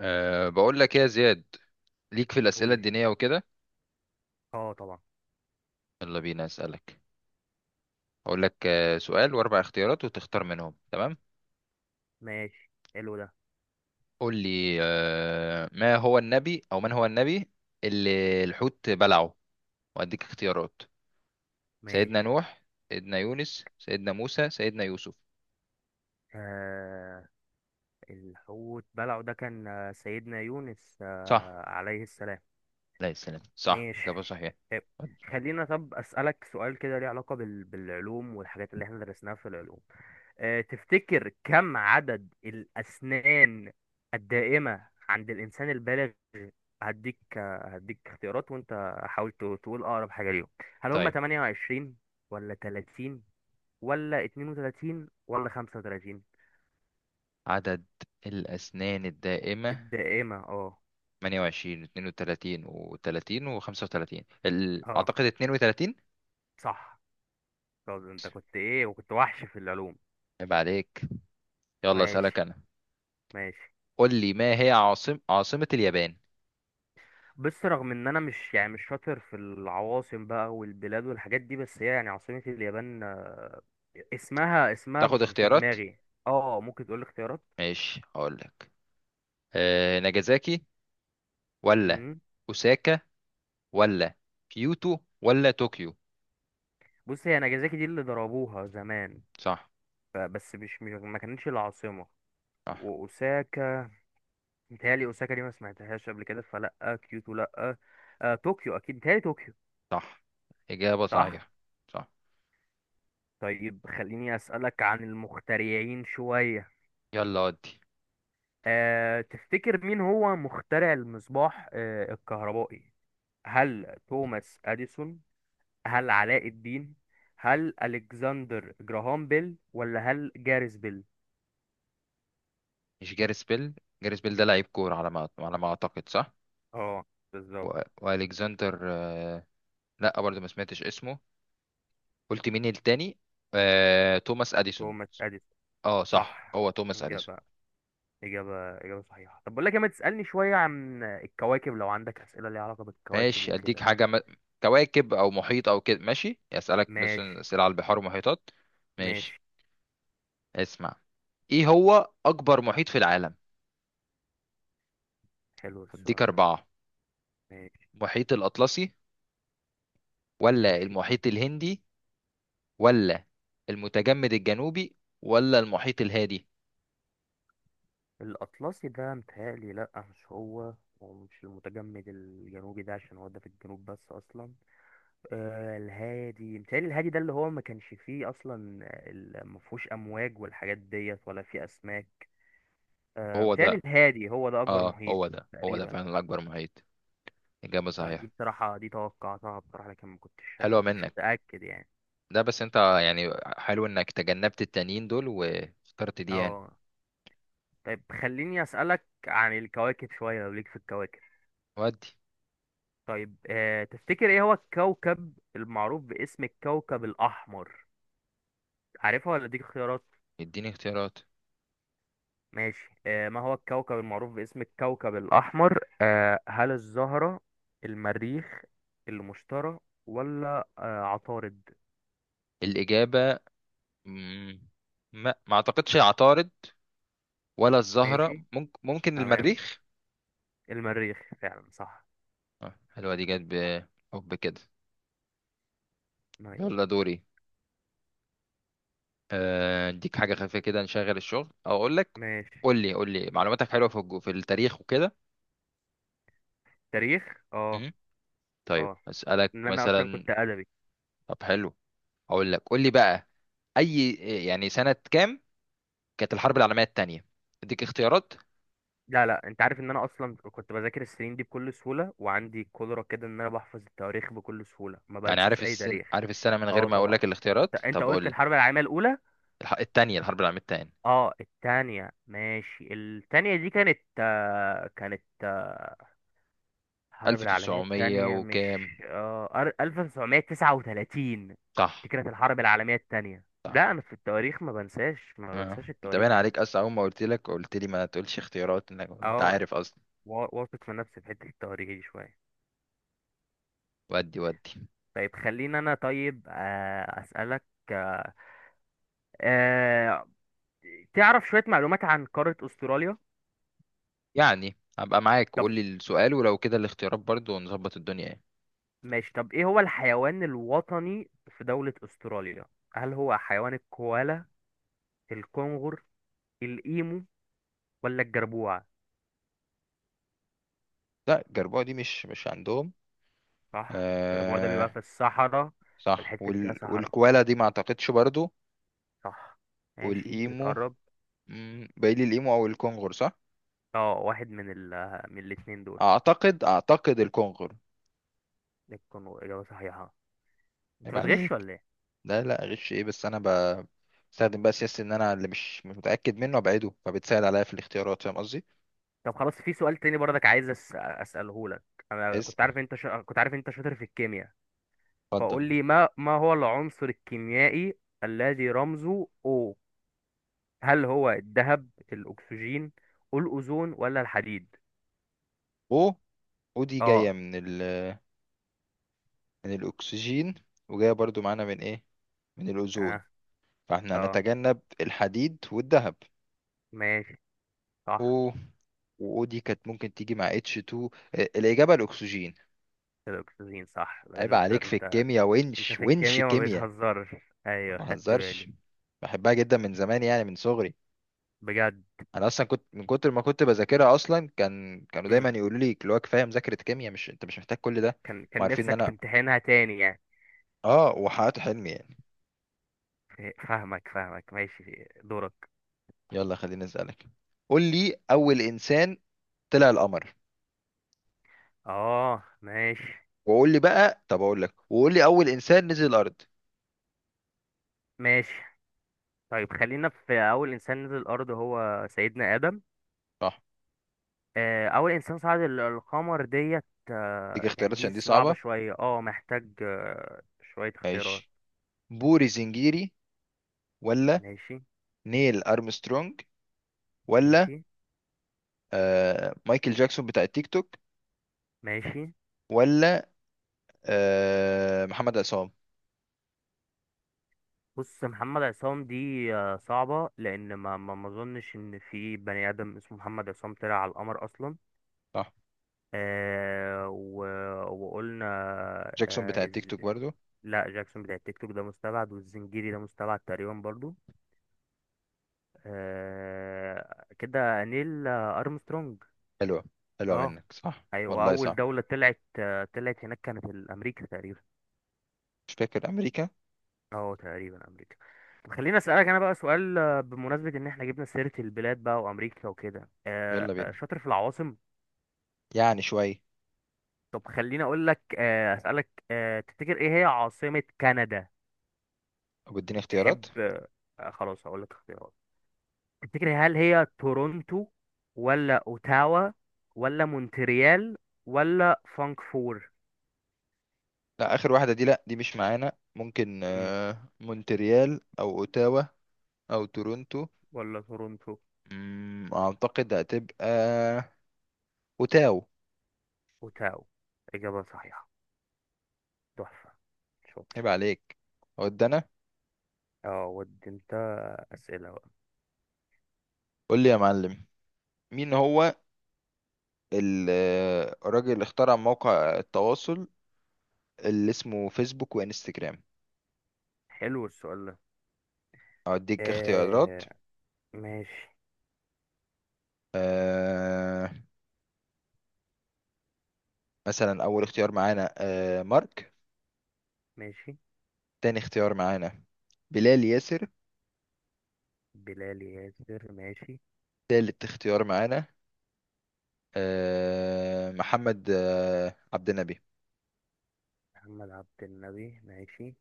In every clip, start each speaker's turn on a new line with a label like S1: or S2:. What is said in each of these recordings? S1: بقول لك ايه يا زياد، ليك في
S2: قول
S1: الأسئلة
S2: لي.
S1: الدينية وكده.
S2: اه طبعا.
S1: يلا بينا أسألك. هقول لك سؤال وأربع اختيارات وتختار منهم. تمام؟
S2: ماشي، حلو ده.
S1: قول لي، ما هو النبي، أو من هو النبي اللي الحوت بلعه، وأديك اختيارات. سيدنا
S2: ماشي.
S1: نوح، سيدنا يونس، سيدنا موسى، سيدنا يوسف؟
S2: آه الحوت بلعه ده كان، سيدنا يونس،
S1: صح.
S2: عليه السلام.
S1: لا السلام، صح،
S2: ماشي.
S1: إجابة صحيحة.
S2: طيب، خلينا أسألك سؤال كده ليه علاقة بالعلوم والحاجات اللي احنا درسناها في العلوم. تفتكر كم عدد الأسنان الدائمة عند الإنسان البالغ؟ هديك اختيارات، وانت حاول تقول أقرب حاجة ليهم. هل هم
S1: طيب،
S2: 28 ولا 30 ولا 32 ولا 35؟
S1: عدد الأسنان الدائمة
S2: الدائمة، اه.
S1: 28، 32 و30 و35؟
S2: اه،
S1: أعتقد 32.
S2: صح. طب انت كنت ايه؟ وكنت وحش في العلوم.
S1: عيب عليك. يلا اسألك
S2: ماشي،
S1: انا.
S2: ماشي.
S1: قول لي، ما هي عاصمة اليابان؟
S2: بس رغم ان انا مش، يعني، مش شاطر في العواصم بقى والبلاد والحاجات دي، بس هي يعني عاصمة اليابان، اسمها
S1: تاخد
S2: في
S1: اختيارات؟
S2: دماغي. اه، ممكن تقول لي اختيارات.
S1: ماشي، هقول لك. ناجازاكي، ولا
S2: مم.
S1: اوساكا، ولا كيوتو، ولا طوكيو؟
S2: بص، هي ناجازاكي دي اللي ضربوها زمان.
S1: صح.
S2: بس مش ما كانتش العاصمة.
S1: صح.
S2: واوساكا، متهيألي أوساكا دي ما سمعتهاش قبل كده، فلأ. كيوتو لأ. طوكيو، أكيد متهيألي طوكيو.
S1: صح، إجابة
S2: صح.
S1: صحيحة. صح.
S2: طيب، خليني أسألك عن المخترعين شوية.
S1: يلا، ودي.
S2: تفتكر مين هو مخترع المصباح الكهربائي؟ هل توماس أديسون؟ هل علاء الدين؟ هل ألكسندر جراهام بيل ولا هل جاريس بيل؟
S1: مش جاريس بيل. جاريس بيل ده لعيب كورة، على ما اعتقد، صح.
S2: اه، بالظبط.
S1: والكسندر لا برضه ما سمعتش اسمه. قلت مين التاني؟ توماس اديسون.
S2: توماس أديسون،
S1: اه صح،
S2: صح.
S1: هو توماس اديسون.
S2: إجابة. إجابة صحيحة. طب بقول لك إيه، ما تسألني شوية عن الكواكب، لو عندك أسئلة ليها علاقة بالكواكب
S1: ماشي، اديك
S2: وكده.
S1: حاجه، كواكب او محيط او كده. ماشي، اسالك مثلا
S2: ماشي،
S1: اسئله على البحار ومحيطات. ماشي.
S2: ماشي.
S1: اسمع، ايه هو اكبر محيط في العالم؟
S2: حلو
S1: هديك
S2: السؤال ده.
S1: اربعه.
S2: ماشي،
S1: المحيط الاطلسي، ولا
S2: ماشي.
S1: المحيط الهندي، ولا المتجمد الجنوبي، ولا المحيط الهادي؟
S2: الأطلسي ده متهيألي لأ، مش هو. ومش المتجمد الجنوبي ده، عشان هو ده في الجنوب بس أصلا. الهادي، متهيألي الهادي ده اللي هو ما كانش فيه أصلا. ما فيهوش أمواج والحاجات ديت، ولا فيه أسماك.
S1: هو
S2: متهيألي
S1: ده.
S2: الهادي هو ده أكبر
S1: اه
S2: محيط.
S1: هو ده،
S2: تقريبا.
S1: فعلا الاكبر محيط. اجابه
S2: فدي
S1: صحيحه.
S2: بصراحة دي توقعتها بصراحة، لكن ما كنتش
S1: حلوه
S2: ما كنتش
S1: منك
S2: متأكد يعني.
S1: ده، بس انت يعني. حلو انك تجنبت التانيين دول واخترت دي يعني.
S2: اه. طيب، خليني أسألك عن الكواكب شوية لو ليك في الكواكب.
S1: ودي.
S2: طيب، تفتكر ايه هو الكوكب المعروف باسم الكوكب الأحمر؟ عارفها ولا اديك خيارات؟
S1: اديني اختيارات.
S2: ماشي. ما هو الكوكب المعروف باسم الكوكب الأحمر؟ هل الزهرة؟ المريخ؟ المشتري؟ ولا عطارد؟
S1: الإجابة، مم. ما اعتقدش العطارد، ولا الزهرة،
S2: ماشي،
S1: ممكن ممكن
S2: تمام.
S1: المريخ.
S2: المريخ فعلا، صح.
S1: حلوة دي جت. بحب كده.
S2: ماشي.
S1: يلا دوري. اديك حاجة خفيفة كده نشغل الشغل، او اقول لك.
S2: ماشي.
S1: قول لي، قول لي، معلوماتك حلوة في في التاريخ وكده؟
S2: تاريخ، اه.
S1: مم. طيب،
S2: اه،
S1: اسألك
S2: ان انا اصلا
S1: مثلا.
S2: كنت ادبي.
S1: طب حلو، اقول لك. قول لي بقى، اي، يعني سنة كام كانت الحرب العالمية التانية؟ اديك اختيارات.
S2: لا، لا، انت عارف ان انا اصلا كنت بذاكر السنين دي بكل سهوله، وعندي قدره كده ان انا بحفظ التواريخ بكل سهوله، ما
S1: يعني
S2: بنساش اي تاريخ.
S1: عارف السنة، من غير
S2: اه
S1: ما اقول
S2: طبعا.
S1: لك
S2: انت
S1: الاختيارات؟
S2: انت
S1: طب قول
S2: قلت
S1: لي،
S2: الحرب العالميه الاولى.
S1: الح- التانية الحرب العالمية التانية
S2: اه، التانية. ماشي، التانية. دي كانت، كانت الحرب العالميه
S1: 1900
S2: التانية، مش
S1: وكام؟
S2: اه 1939. دي
S1: صح.
S2: كانت الحرب العالميه التانية.
S1: صح.
S2: لا، انا في التواريخ ما بنساش ما
S1: اه
S2: بنساش
S1: انت باين
S2: التواريخ.
S1: عليك اصلا، اول ما قلت لك قلت لي ما تقولش اختيارات، انك انت
S2: اه.
S1: عارف اصلا.
S2: واثق من نفسي في حته التواريخ دي شويه.
S1: ودي
S2: طيب، خليني انا، طيب آه، اسالك آه، آه، تعرف شويه معلومات عن قاره استراليا.
S1: يعني هبقى معاك
S2: طب
S1: وقول لي السؤال، ولو كده الاختيارات برضو ونظبط الدنيا يعني.
S2: ماشي. طب، ايه هو الحيوان الوطني في دوله استراليا؟ هل هو حيوان الكوالا؟ الكنغر؟ الايمو؟ ولا الجربوع؟
S1: لا الجربوع دي مش عندهم.
S2: صح، الجربوع ده
S1: آه
S2: بيبقى في الصحراء، في
S1: صح،
S2: الحته اللي فيها صحراء.
S1: والكوالا دي ما اعتقدش برضو.
S2: صح، ماشي،
S1: والايمو.
S2: بتقرب.
S1: باقي لي الايمو او الكونغر، صح.
S2: اه، واحد من من الاتنين دول.
S1: اعتقد الكونغر.
S2: الكنغر، اجابه صحيحه. انت
S1: يبقى
S2: بتغش
S1: عليك.
S2: ولا إيه؟
S1: لا، لا، غش ايه، بس انا بستخدم بقى سياسة ان انا اللي مش متأكد منه ابعده، فبتسهل عليا في الاختيارات، فاهم قصدي؟
S2: طب خلاص، في سؤال تاني برضك عايز اساله لك. انا
S1: بس
S2: كنت عارف انت شاطر في الكيمياء.
S1: اتفضل.
S2: فقول لي، ما هو العنصر الكيميائي الذي رمزه O؟ هل هو الذهب؟ الاكسجين؟ الاوزون؟ ولا الحديد؟
S1: او، دي جاية
S2: اه.
S1: من من الاكسجين، وجاية برضو معانا من ايه، من الاوزون،
S2: اه.
S1: فاحنا
S2: اه،
S1: هنتجنب الحديد والذهب.
S2: ماشي، صح.
S1: او، و دي كانت ممكن تيجي مع اتش 2. الاجابة الاكسجين.
S2: الاكسجين، صح. لا،
S1: عيب
S2: ده انت،
S1: عليك في
S2: انت.
S1: الكيمياء،
S2: انت
S1: ونش
S2: في
S1: ونش
S2: الكيمياء ما
S1: كيمياء.
S2: بتهزرش.
S1: ما
S2: ايوه، خدت
S1: بهزرش،
S2: بالي.
S1: بحبها جدا من زمان يعني من صغري.
S2: بجد.
S1: انا اصلا كنت من كتر ما كنت بذاكرها اصلا، كانوا دايما
S2: مم.
S1: يقولوا لي اللي هو كفايه مذاكره كيمياء، مش انت مش محتاج كل ده.
S2: كان
S1: ما
S2: كان
S1: عارفين ان
S2: نفسك
S1: انا.
S2: تمتحنها تاني يعني.
S1: اه وحققت حلمي يعني.
S2: فاهمك، فاهمك، ماشي، دورك.
S1: يلا، خليني اسالك. قول لي، اول انسان طلع القمر،
S2: اه. ماشي،
S1: وقول لي بقى، طب اقول لك، وقول لي اول انسان نزل الارض.
S2: ماشي. طيب، خلينا في اول انسان نزل الارض، هو سيدنا ادم.
S1: صح.
S2: اول انسان صعد القمر ديت،
S1: دي
S2: يعني
S1: اختيارات
S2: دي
S1: عشان دي
S2: صعبة
S1: صعبه.
S2: شوية، اه محتاج شوية اختيارات.
S1: ماشي، بوري زنجيري، ولا
S2: ماشي،
S1: نيل ارمسترونج، ولا
S2: ماشي،
S1: مايكل جاكسون بتاع التيك توك،
S2: ماشي.
S1: ولا محمد عصام؟
S2: بص، محمد عصام دي، صعبة لأن ما أظنش إن في بني آدم اسمه محمد عصام طلع على القمر أصلا.
S1: صح.
S2: آه و... وقلنا.
S1: جاكسون بتاع
S2: آه
S1: التيك
S2: إز...
S1: توك برضو.
S2: لا، جاكسون بتاع التيك توك ده مستبعد، والزنجيري ده مستبعد تقريبا برضو. كده نيل، أرمسترونج.
S1: حلوة، حلوة
S2: اه،
S1: منك، صح
S2: أيوة.
S1: والله،
S2: أول
S1: صح.
S2: دولة طلعت، طلعت هناك، كانت الأمريكا تقريبا.
S1: مش فاكر أمريكا.
S2: اه، تقريبا أمريكا. طب، خليني أسألك أنا بقى سؤال، بمناسبة إن إحنا جبنا سيرة البلاد بقى، وأمريكا وكده.
S1: يلا بينا،
S2: شاطر في العواصم.
S1: يعني شوية.
S2: طب، خليني أقول لك آه أسألك، تفتكر إيه هي عاصمة كندا؟
S1: أو اديني
S2: تحب؟
S1: اختيارات.
S2: خلاص، هقول لك اختيارات. تفتكر، هل هي تورونتو، ولا أوتاوا، ولا مونتريال، ولا فانكفور،
S1: لا آخر واحدة دي لأ، دي مش معانا، ممكن مونتريال، أو أوتاوا، أو تورونتو.
S2: ولا تورونتو؟
S1: أعتقد هتبقى أوتاو.
S2: وتاو، إجابة صحيحة. تحفة. شاطر.
S1: عيب عليك. ود أنا.
S2: اه، ودي انت. أسئلة بقى.
S1: قول لي يا معلم، مين هو الراجل اللي اخترع موقع التواصل اللي اسمه فيسبوك وانستجرام؟
S2: حلو السؤال ده.
S1: أديك اختيارات.
S2: آه ماشي.
S1: آه مثلا، أول اختيار معانا مارك.
S2: ماشي،
S1: تاني اختيار معانا بلال ياسر.
S2: بلال ياسر، ماشي،
S1: تالت اختيار معانا محمد عبد النبي.
S2: محمد عبد النبي، ماشي.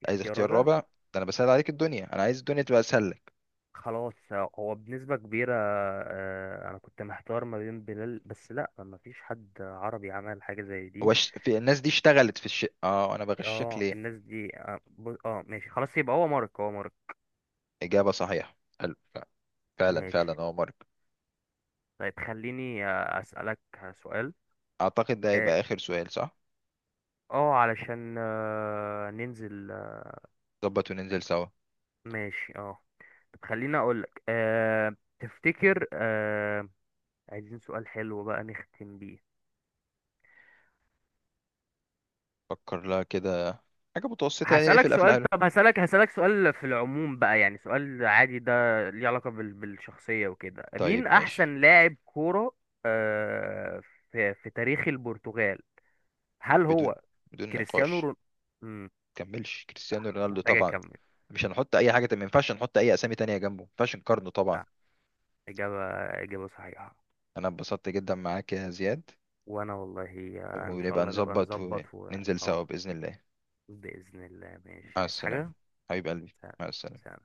S2: في
S1: عايز
S2: اختيار
S1: اختيار
S2: رابع؟
S1: رابع ده؟ انا بسهل عليك الدنيا، انا عايز الدنيا تبقى اسهل لك.
S2: خلاص، هو بنسبة كبيرة. أنا كنت محتار ما بين بلال، بس لأ، مفيش حد عربي عمل حاجة زي
S1: هو
S2: دي.
S1: في الناس دي اشتغلت في الشيء، اه انا بغشك
S2: اه،
S1: ليه؟
S2: الناس دي، اه, ماشي خلاص، يبقى هو مارك، هو مارك.
S1: اجابه صحيحه. حلو فعلا،
S2: ماشي.
S1: فعلا، اه مارك.
S2: طيب، خليني أسألك سؤال،
S1: اعتقد ده
S2: آه،
S1: هيبقى اخر سؤال، صح؟
S2: اه علشان ننزل،
S1: ظبط وننزل سوا.
S2: ماشي، اه. طب، خليني اقولك تفتكر، عايزين سؤال حلو بقى نختم بيه.
S1: فكر لها كده، حاجه متوسطه يعني
S2: هسألك
S1: نقفل قفله
S2: سؤال.
S1: حلوه.
S2: طب، هسألك سؤال في العموم بقى، يعني سؤال عادي ده ليه علاقة بالشخصية وكده، مين
S1: طيب ماشي،
S2: أحسن لاعب كورة أه في تاريخ البرتغال؟ هل
S1: بدون،
S2: هو
S1: بدون
S2: كريستيانو
S1: نقاش،
S2: رون... مم،
S1: كملش، كريستيانو
S2: صح، مش
S1: رونالدو
S2: محتاج
S1: طبعا.
S2: أكمل.
S1: مش هنحط اي حاجه، ما ينفعش نحط اي اسامي تانية جنبه، ما ينفعش نقارنه طبعا.
S2: صح، إجابة إجابة صحيحة.
S1: انا اتبسطت جدا معاك يا زياد.
S2: وانا والله، ان شاء
S1: ونبقى
S2: الله نبقى
S1: نظبط
S2: نظبط و...
S1: وننزل
S2: اه،
S1: سوا باذن الله.
S2: بإذن الله. ماشي،
S1: مع
S2: عايز
S1: السلامه،
S2: حاجة.
S1: حبيب قلبي،
S2: سلام.
S1: مع السلامه.
S2: سلام.